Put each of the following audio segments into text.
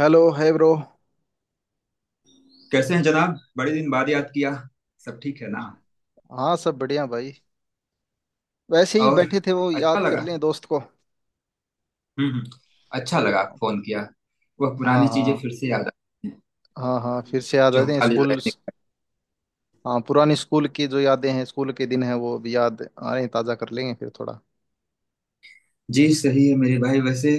Hello है bro. कैसे हैं जनाब, बड़े दिन बाद याद किया। सब ठीक है ना। हाँ सब बढ़िया भाई। वैसे ही और बैठे थे वो अच्छा याद कर लगा। लें दोस्त को। हम्म हम्म, अच्छा लगा आप हाँ। फोन किया। वह पुरानी चीजें हाँ। फिर से याद आ रही हैं, हाँ हाँ फिर से याद जो हम आते हैं कॉलेज स्कूल। लाइफ में। हाँ पुरानी स्कूल की जो यादें हैं स्कूल के दिन हैं वो अभी याद आ रहे हैं ताज़ा कर लेंगे फिर थोड़ा जी सही है मेरे भाई। वैसे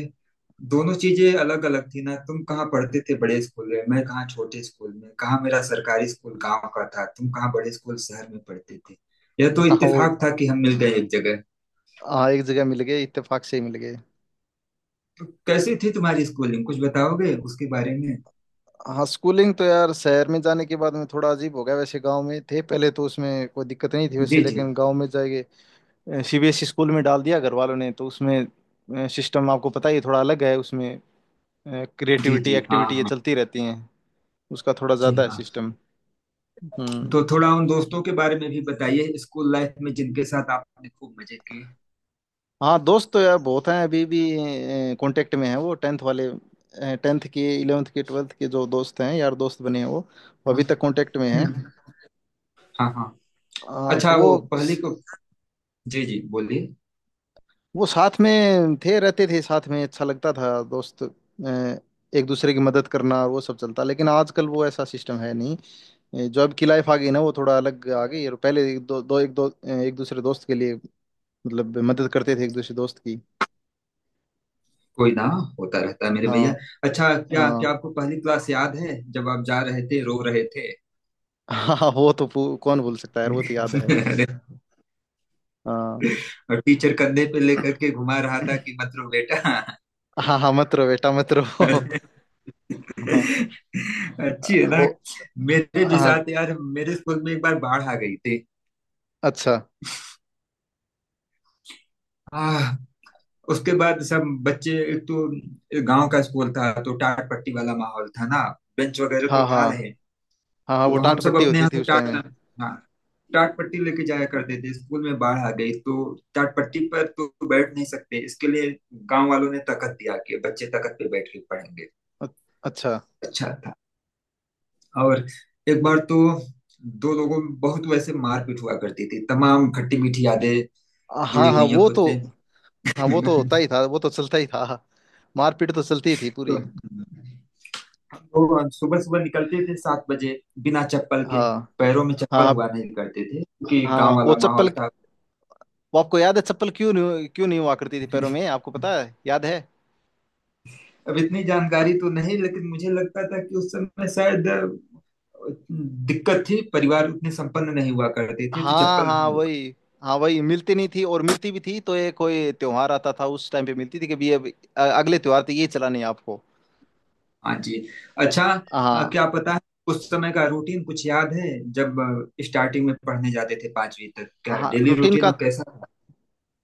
दोनों चीजें अलग अलग थी ना। तुम कहाँ पढ़ते थे बड़े स्कूल में, मैं कहाँ छोटे स्कूल में, कहाँ मेरा सरकारी स्कूल गांव का था, तुम कहाँ बड़े स्कूल शहर में पढ़ते थे। यह तो हाँ वो। इत्तेफाक था कि हम मिल गए एक जगह। हाँ, एक जगह मिल गए, इत्तेफाक से ही मिल गए। तो कैसी थी तुम्हारी स्कूलिंग, कुछ बताओगे उसके बारे में। हाँ, स्कूलिंग तो यार शहर में जाने के बाद में थोड़ा अजीब हो गया। वैसे गांव में थे पहले तो उसमें कोई दिक्कत नहीं थी, वैसे। जी जी। लेकिन गांव में जाएंगे सीबीएसई स्कूल में डाल दिया घर वालों ने, तो उसमें सिस्टम आपको पता ही है, थोड़ा अलग है उसमें। जी क्रिएटिविटी, जी। हाँ एक्टिविटी ये हाँ। चलती रहती हैं। उसका थोड़ा जी ज़्यादा है हाँ। सिस्टम। हम्म। तो थोड़ा उन दोस्तों के बारे में भी बताइए स्कूल लाइफ में जिनके साथ आपने खूब मजे किए। हाँ दोस्त तो यार बहुत हैं अभी भी, कांटेक्ट में हैं। वो टेंथ वाले, टेंथ के इलेवेंथ के ट्वेल्थ के जो दोस्त हैं यार, दोस्त बने हैं वो हाँ। अभी तक कांटेक्ट में हैं। हम्म, हाँ हाँ। हाँ, तो अच्छा वो वो पहली को। जी जी बोलिए। वो साथ में थे, रहते थे साथ में अच्छा लगता था दोस्त। एक दूसरे की मदद करना और वो सब चलता, लेकिन आजकल वो ऐसा सिस्टम है नहीं। जो अब की लाइफ आ गई ना वो थोड़ा अलग आ गई। और पहले एक दो, दो एक दो एक दूसरे दोस्त के लिए मतलब मदद करते थे एक दूसरे दोस्त की। कोई ना, होता रहता है मेरे भैया। हाँ। अच्छा क्या क्या हाँ। आपको पहली क्लास याद है जब आप जा रहे थे रो रहे थे। हाँ वो तो कौन भूल सकता है यार, वो तो याद है। अरे, हाँ। और टीचर कंधे पे लेकर के घुमा रहा था कि मत रो बेटा। हाँ। हाँ, मत रो बेटा, मत रो, हाँ। अरे, अच्छी है ना। वो। मेरे भी हाँ। साथ यार, मेरे स्कूल में एक बार बाढ़ आ गई अच्छा। थी। उसके बाद सब बच्चे एक तो, गांव का स्कूल था तो टाट पट्टी वाला माहौल था ना, बेंच वगैरह तो हाँ था हाँ नहीं। हाँ हाँ वो तो हम टाट सब पट्टी अपने होती यहाँ थी से उस टाइम टाट, में। हाँ, टाट पट्टी लेके जाया करते थे स्कूल में। बाढ़ आ गई तो टाट पट्टी पर तो बैठ नहीं सकते, इसके लिए गांव वालों ने तकत दिया कि बच्चे तकत पे बैठ के पढ़ेंगे। अ- अच्छा। अच्छा था। और एक बार तो दो लोगों में बहुत वैसे मारपीट हुआ करती थी। तमाम खट्टी मीठी यादें जुड़ी हाँ हाँ हुई हैं वो खुद तो। से। हाँ, वो तो होता ही था, वो तो चलता ही था, मारपीट तो चलती ही थी पूरी। तो हम लोग सुबह सुबह निकलते थे सात बजे, बिना चप्पल हाँ के। पैरों में हाँ। चप्पल हाँ हुआ नहीं करते थे क्योंकि गांव हाँ, वो वाला चप्पल। माहौल था। वो आपको याद है चप्पल क्यों नहीं, क्यों नहीं हुआ करती थी पैरों में, आपको पता है, याद है? अब इतनी जानकारी तो नहीं, लेकिन मुझे लगता था कि उस समय शायद दिक्कत थी। परिवार उतने संपन्न नहीं हुआ करते थे तो हाँ चप्पल नहीं हाँ मिल पा। वही। हाँ वही मिलती नहीं थी, और मिलती भी थी तो ये कोई त्योहार आता था उस टाइम पे मिलती थी कि भी ये अगले त्योहार तक ये चलानी है आपको। हाँ जी। अच्छा। हाँ। क्या पता है उस समय का रूटीन कुछ याद है, जब स्टार्टिंग में पढ़ने जाते थे पांचवी तक क्या हाँ, डेली रूटीन रूटीन का, में कैसा था?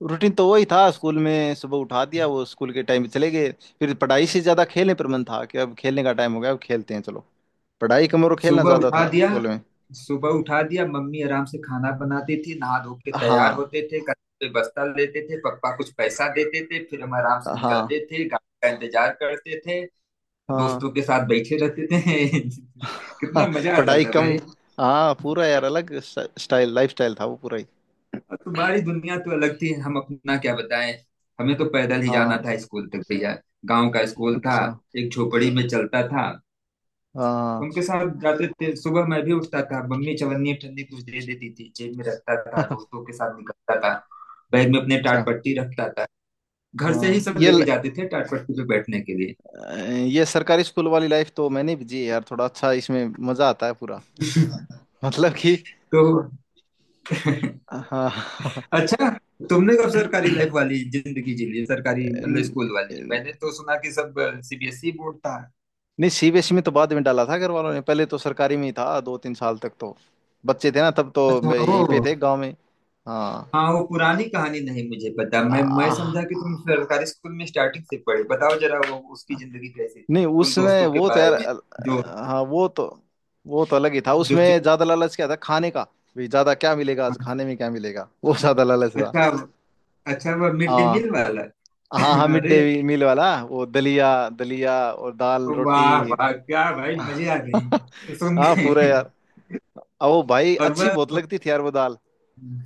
रूटीन तो वही था स्कूल में, सुबह उठा दिया वो स्कूल के टाइम पे चले गए। फिर पढ़ाई से ज्यादा खेलने पर मन था, कि अब खेलने का टाइम हो गया अब खेलते हैं चलो। पढ़ाई कम और खेलना सुबह ज्यादा उठा था दिया। स्कूल में। सुबह उठा दिया, मम्मी आराम से खाना बनाती थी, नहा धो के तैयार हाँ। होते थे, कंधे पे बस्ता लेते थे, पापा कुछ पैसा देते थे, फिर हम आराम से हाँ। निकलते थे, गाड़ी का इंतजार करते थे, हाँ दोस्तों के साथ बैठे रहते थे। हाँ कितना मजा आता पढ़ाई था कम। भाई। हाँ पूरा यार, अलग स्टाइल, लाइफ स्टाइल था वो पूरा ही। और तुम्हारी दुनिया तो अलग थी, हम अपना क्या बताएं। हमें तो पैदल ही जाना हाँ। था स्कूल तक भैया। गांव का स्कूल था, अच्छा। एक झोपड़ी में चलता था। हाँ उनके साथ जाते थे सुबह, मैं भी उठता था, मम्मी चवन्नी ठंडी कुछ दे देती थी, जेब में रखता था, अच्छा। दोस्तों के साथ निकलता था, बैग में अपने टाट पट्टी रखता था। घर से ही हाँ, सब लेके जाते थे टाट पट्टी पे बैठने के लिए। ये सरकारी स्कूल वाली लाइफ तो मैंने भी जी यार, थोड़ा अच्छा, इसमें मजा आता है पूरा। मतलब कि तो हाँ अच्छा, तुमने कब सरकारी लाइफ वाली जिंदगी जी ली? सरकारी मतलब न- स्कूल वाली। मैंने तो सुना कि सब सीबीएसई बोर्ड था। नहीं, सीबीएसई में तो बाद में डाला था घर वालों ने, पहले तो सरकारी में ही था दो तीन साल तक तो। बच्चे थे ना तब, तो अच्छा मैं यहीं पे ओ। थे गांव में। हाँ। हाँ वो पुरानी कहानी नहीं मुझे पता। मैं आ, समझा कि तुम सरकारी स्कूल में स्टार्टिंग से पढ़े। बताओ जरा वो उसकी जिंदगी कैसी थी, नहीं, उन उसमें दोस्तों के वो तो यार बारे में जो। हाँ वो तो, वो तो अलग ही था। जो उसमें चुप- ज्यादा लालच क्या था खाने का भी, ज्यादा क्या मिलेगा आज खाने हाँ, में, क्या मिलेगा वो ज्यादा लालच था। अच्छा। अच्छा वह मिड डे मील हाँ। वाला। हाँ हाँ मिड अरे डे मील वाला वो दलिया, दलिया और दाल रोटी। वाह वाह, क्या भाई, मजे आ गए तो सुन हाँ के। पूरा यार, अब वो भाई और अच्छी वह, बहुत लगती थी यार वो दाल।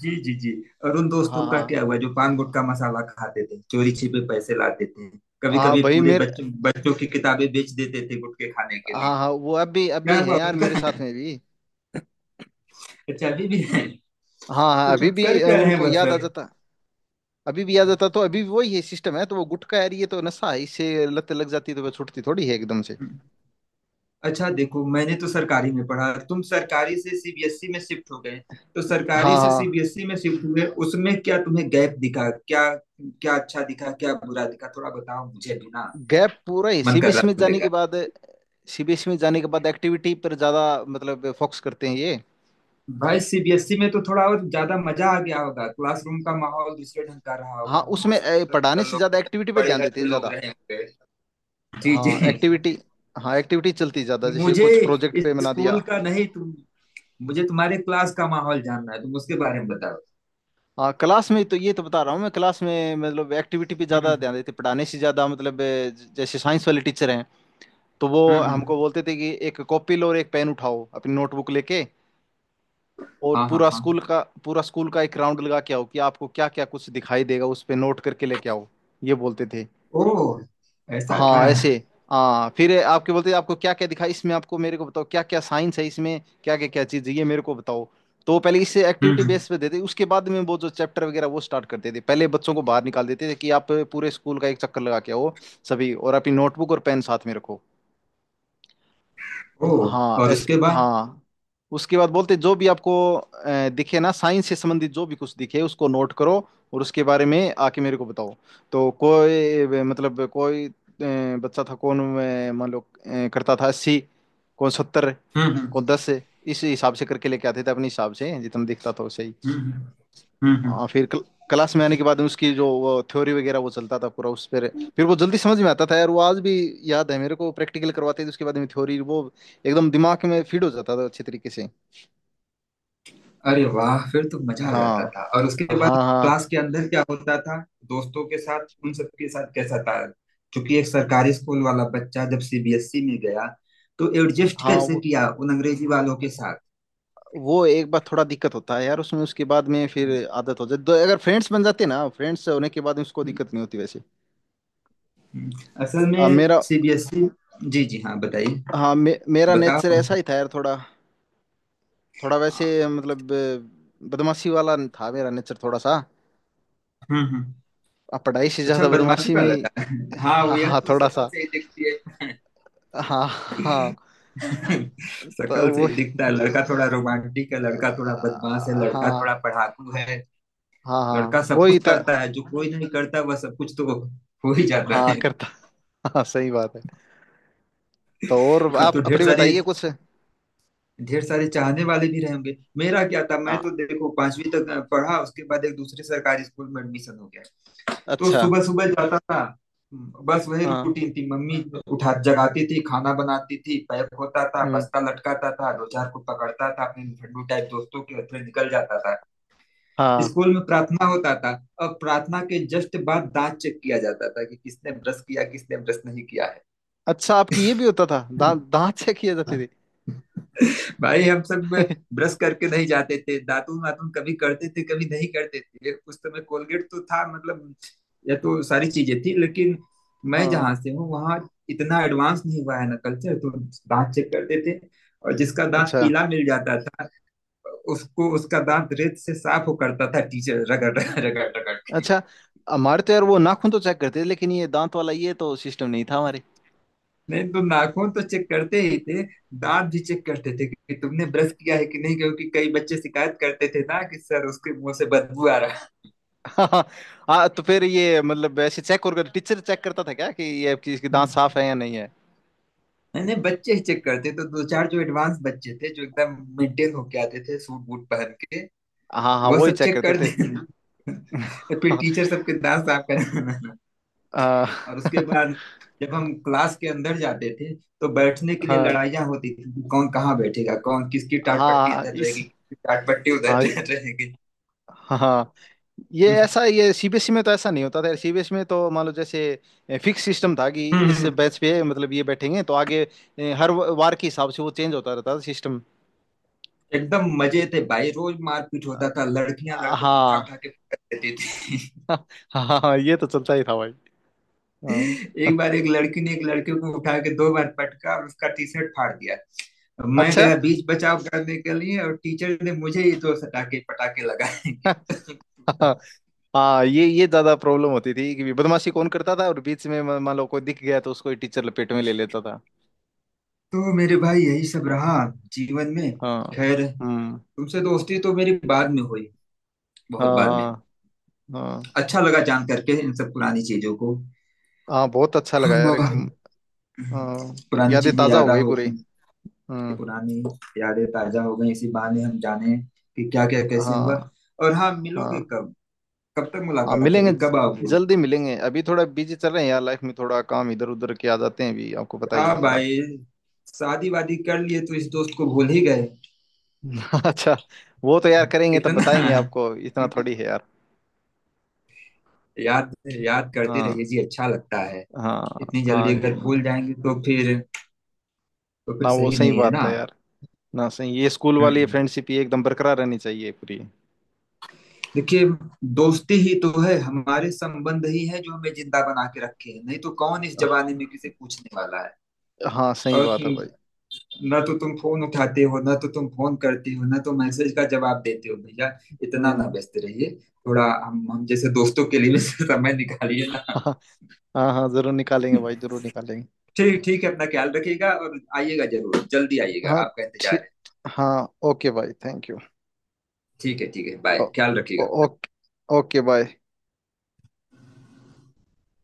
जी जी जी। और उन हाँ दोस्तों का हाँ। क्या हुआ जो पान गुटखा मसाला खाते थे, चोरी छिपे पैसे लाते थे, कभी हाँ कभी भाई पूरे मेरे, बच्चों बच्चों की किताबें बेच देते थे गुटखे खाने के लिए। हाँ हाँ वो अब भी, अब क्या भी है हुआ यार उनका? मेरे साथ में भी। अच्छा अभी भी है। हाँ हाँ कुछ अभी भी कर क्या रहे हैं उनको याद आ मतलब? जाता। अभी भी याद आता तो अभी भी वही है, सिस्टम है तो, वो गुटखा यार ये तो नशा है, इससे लत लग जाती तो वो छूटती थोड़ी है एकदम से। अच्छा देखो, मैंने तो सरकारी में पढ़ा, तुम सरकारी से सीबीएसई में शिफ्ट हो गए। तो सरकारी हाँ से हाँ, सीबीएसई में शिफ्ट हुए उसमें क्या तुम्हें गैप दिखा, क्या क्या अच्छा दिखा, क्या बुरा दिखा, थोड़ा बताओ मुझे भी ना। गैप पूरा ही मन कर रहा सीबीएस है में सुनने जाने के का। बाद, सीबीएस में जाने के बाद एक्टिविटी पर ज्यादा मतलब फोकस करते हैं ये। भाई सीबीएसई में तो थोड़ा और ज्यादा मजा आ गया होगा, क्लासरूम का माहौल दूसरे ढंग का रहा हाँ होगा, वहां उसमें सब सुंदर पढ़ाने सुंदर से लोग ज्यादा रहे, एक्टिविटी पे बड़े ध्यान घर देते के हैं लोग ज्यादा। रहे होंगे। जी हाँ जी। एक्टिविटी, हाँ एक्टिविटी चलती है ज्यादा, जैसे मुझे कुछ प्रोजेक्ट पे बना स्कूल दिया। का नहीं, तुम, मुझे तुम्हारे क्लास का माहौल जानना है, तुम उसके बारे में बताओ। हाँ क्लास में तो, ये तो बता रहा हूँ मैं, क्लास में मतलब एक्टिविटी पे ज्यादा हम्म ध्यान देते पढ़ाने से ज्यादा, मतलब जैसे साइंस वाले टीचर हैं, तो वो हमको हम्म। बोलते थे कि एक कॉपी लो और एक पेन उठाओ अपनी नोटबुक लेके, और हाँ हाँ पूरा हाँ। स्कूल का पूरा स्कूल का एक राउंड लगा के आओ, कि आपको क्या क्या कुछ दिखाई देगा उस पे नोट करके लेके आओ, ये बोलते थे। ओ, ऐसा था। हाँ ऐसे। हाँ फिर आपके बोलते आपको क्या क्या दिखा इसमें, आपको मेरे को बताओ क्या क्या साइंस है इसमें क्या क्या क्या चीज़ है ये मेरे को बताओ। तो पहले इसे एक्टिविटी हम्म। बेस पे देते, उसके बाद में वो जो चैप्टर वगैरह वो स्टार्ट करते थे, पहले बच्चों को बाहर निकाल देते थे कि आप पूरे स्कूल का एक चक्कर लगा के आओ सभी, और अपनी नोटबुक और पेन साथ में रखो। ओ, हाँ और ऐसे उसके बाद। हाँ। उसके बाद बोलते जो भी आपको दिखे ना साइंस से संबंधित, जो भी कुछ दिखे उसको नोट करो और उसके बारे में आके मेरे को बताओ। तो कोई मतलब कोई बच्चा था कौन, मान लो करता था 80, कौन 70, हम्म। कौन 10, इस हिसाब से करके लेके आते थे अपने हिसाब से जितना दिखता था वैसे ही। हम्म हम्म हम्म। हाँ फिर क्लास में आने के बाद में उसकी जो थ्योरी वगैरह वो चलता था पूरा उस पर, फिर वो जल्दी समझ में आता था यार, वो आज भी याद है मेरे को, प्रैक्टिकल करवाते थे उसके बाद में थ्योरी, वो एकदम दिमाग में फीड हो जाता था अच्छे तरीके से। अरे वाह, फिर तो मजा आ जाता हाँ था। और उसके हाँ। बाद हाँ क्लास के अंदर क्या होता था, दोस्तों के साथ, उन सबके साथ कैसा था? क्योंकि एक सरकारी स्कूल वाला बच्चा जब सीबीएसई में गया तो एडजस्ट हाँ कैसे वो किया उन अंग्रेजी वालों के साथ। वो एक बार थोड़ा दिक्कत होता है यार उसमें, उसके बाद में फिर हम्म, आदत हो जाती, तो अगर फ्रेंड्स बन जाते ना, फ्रेंड्स होने के बाद उसको दिक्कत नहीं होती वैसे। हम्म। असल में मेरा, सीबीएसई। जी जी हाँ बताइए। हाँ मेरा नेचर बताओ। ऐसा ही था यार, थोड़ा, थोड़ा वैसे हाँ। मतलब बदमाशी वाला था मेरा नेचर, थोड़ा सा। हम्म हम्म। अब पढ़ाई से अच्छा ज्यादा बदमाशी बदमाशी में वाला ही। था। हाँ वो, हाँ यह हाँ तो थोड़ा शकल सा। से ही दिखती है। हाँ हाँ तो शकल से वो, ही दिखता है लड़का थोड़ा रोमांटिक है, लड़का थोड़ा बदमाश है, लड़का थोड़ा हाँ पढ़ाकू है, हाँ हाँ लड़का सब वो ही कुछ था। करता है जो कोई नहीं करता वह सब कुछ तो हो ही जाता हाँ है। करता, हाँ सही बात है। तो और तब आप तो ढेर अपनी सारे, बताइए कुछ। ढेर सारे चाहने वाले भी रहेंगे। मेरा क्या था, मैं हाँ। तो देखो पांचवी तक पढ़ा, उसके बाद एक दूसरे सरकारी स्कूल में एडमिशन हो गया। तो अच्छा। सुबह सुबह जाता था, बस वही हाँ। रूटीन थी। मम्मी उठा जगाती थी, खाना बनाती थी, पैक होता था, हम्म। बस्ता लटकाता था, दो चार को पकड़ता था अपने लुफंडू टाइप दोस्तों के, हथले निकल जाता था। हाँ। स्कूल में प्रार्थना होता था, और प्रार्थना के जस्ट बाद दांत चेक किया जाता था कि किसने ब्रश किया, किसने ब्रश नहीं किया। अच्छा, आपकी ये भी होता था, है दांत दांत चेक किए जाते थे? भाई, हम सब ब्रश करके नहीं जाते थे, दातुन वातुन कभी करते थे कभी नहीं करते थे। उस समय कोलगेट तो था मतलब, ये तो सारी चीजें थी, लेकिन मैं हाँ। जहाँ से हूँ वहाँ इतना एडवांस नहीं हुआ है ना कल्चर, तो दांत चेक करते थे। और जिसका दांत अच्छा। पीला मिल जाता था, उसको उसका दांत रेत से साफ हो करता था, टीचर रगड़ रगड़ रगड़ के। अच्छा, हमारे तो यार वो नाखून तो चेक करते थे, लेकिन ये दांत वाला ये तो सिस्टम नहीं था हमारे। नहीं तो नाखून तो चेक करते ही थे, दांत भी चेक करते थे कि तुमने ब्रश किया है कि नहीं, क्योंकि कई बच्चे शिकायत करते थे ना कि सर उसके मुंह से बदबू आ रहा है। हाँ हाँ, तो फिर ये मतलब ऐसे चेक, और टीचर चेक करता था क्या कि ये आपकी इसके दांत हम्म। साफ है या नहीं है? नहीं नहीं, बच्चे ही चेक करते, तो दो चार जो एडवांस बच्चे थे जो एकदम मेंटेन होके आते थे सूट बूट पहन के, हाँ हाँ वह वो ही सब चेक चेक करते कर थे। देना। और फिर टीचर सबके दांत साफ कराना। आ, और उसके बाद जब हम क्लास के अंदर जाते थे तो बैठने के लिए हाँ लड़ाइयाँ होती थी कि कौन कहाँ बैठेगा, कौन किसकी टाट पट्टी हाँ इधर इस, रहेगी, किसकी टाट पट्टी हाँ उधर रहेगी। हाँ हाँ, ये ऐसा ये सीबीएसई में तो ऐसा नहीं होता था, सीबीएसई में तो मान लो जैसे फिक्स सिस्टम था, कि इस हम्म। बैच पे मतलब ये बैठेंगे तो आगे हर वार के हिसाब से वो चेंज होता रहता था सिस्टम। एकदम मजे थे भाई, रोज मारपीट होता था, लड़कियां लड़कों को उठा हाँ उठा के पटक देती थी। हाँ हाँ ये तो चलता ही था भाई। हाँ एक बार एक लड़की ने एक लड़के को उठा के दो बार पटका और उसका टी शर्ट फाड़ दिया। मैं अच्छा गया बीच बचाव करने के लिए और टीचर ने मुझे ही दो सटाके पटाके लगाए कि। हाँ हाँ ये ज्यादा प्रॉब्लम होती थी कि बदमाशी कौन करता था, और बीच में मान लो कोई दिख गया तो उसको टीचर लपेट में ले लेता था। तो मेरे भाई यही सब रहा जीवन में। हाँ। खैर, हम्म। तुमसे दोस्ती तो मेरी बाद में हुई, बहुत हाँ बाद में। हाँ। हाँ अच्छा लगा जान करके इन सब पुरानी चीजों को। हाँ बहुत अच्छा लगा यार हाँ पुरानी यादें चीजें ताजा याद हो गई हो, पूरी। हम्म। पुरानी यादें ताजा हो गई, इसी बहाने हम जाने कि क्या क्या कैसे हुआ। हाँ और हाँ, मिलोगे हाँ कब, कब तक हाँ मुलाकात मिलेंगे होगी, कब आओगे? जल्दी मिलेंगे, अभी थोड़ा बिजी चल रहे हैं यार लाइफ में, थोड़ा काम इधर उधर के आ जाते हैं अभी, आपको पता आ ही है थोड़ा। भाई, शादी वादी कर लिए तो इस दोस्त को भूल ही गए। अच्छा, वो तो यार करेंगे तब इतना बताएंगे आपको, इतना थोड़ी है यार। याद, याद करते हाँ रहिए जी, अच्छा लगता है। हाँ इतनी जल्दी हाँ। अगर भूल जाएंगे तो फिर, तो फिर ना वो सही सही नहीं है ना। बात है यार, ना सही, ये स्कूल वाली हम्म। फ्रेंडशिप ये एकदम बरकरार रहनी चाहिए पूरी। देखिए, दोस्ती ही तो है, हमारे संबंध ही है जो हमें जिंदा बना के रखे हैं, नहीं तो कौन इस जमाने में किसे पूछने वाला हाँ सही है। और बात है भाई। ना तो तुम फोन उठाते हो, ना तो तुम फोन करते हो, ना तो मैसेज का जवाब देते हो भैया। इतना ना हम्म। व्यस्त रहिए, थोड़ा हम जैसे दोस्तों के लिए भी समय निकालिए ना। हाँ हाँ हाँ, जरूर निकालेंगे भाई, जरूर निकालेंगे। ठीक, ठीक है, अपना ख्याल रखिएगा और आइएगा जरूर, जल्दी आइएगा, हाँ आपका इंतजार ठीक। है। हाँ ओके भाई, थैंक यू। ठीक है ठीक है, ओ, बाय, ख्याल ओ, रखिएगा। ओके। Okay bye.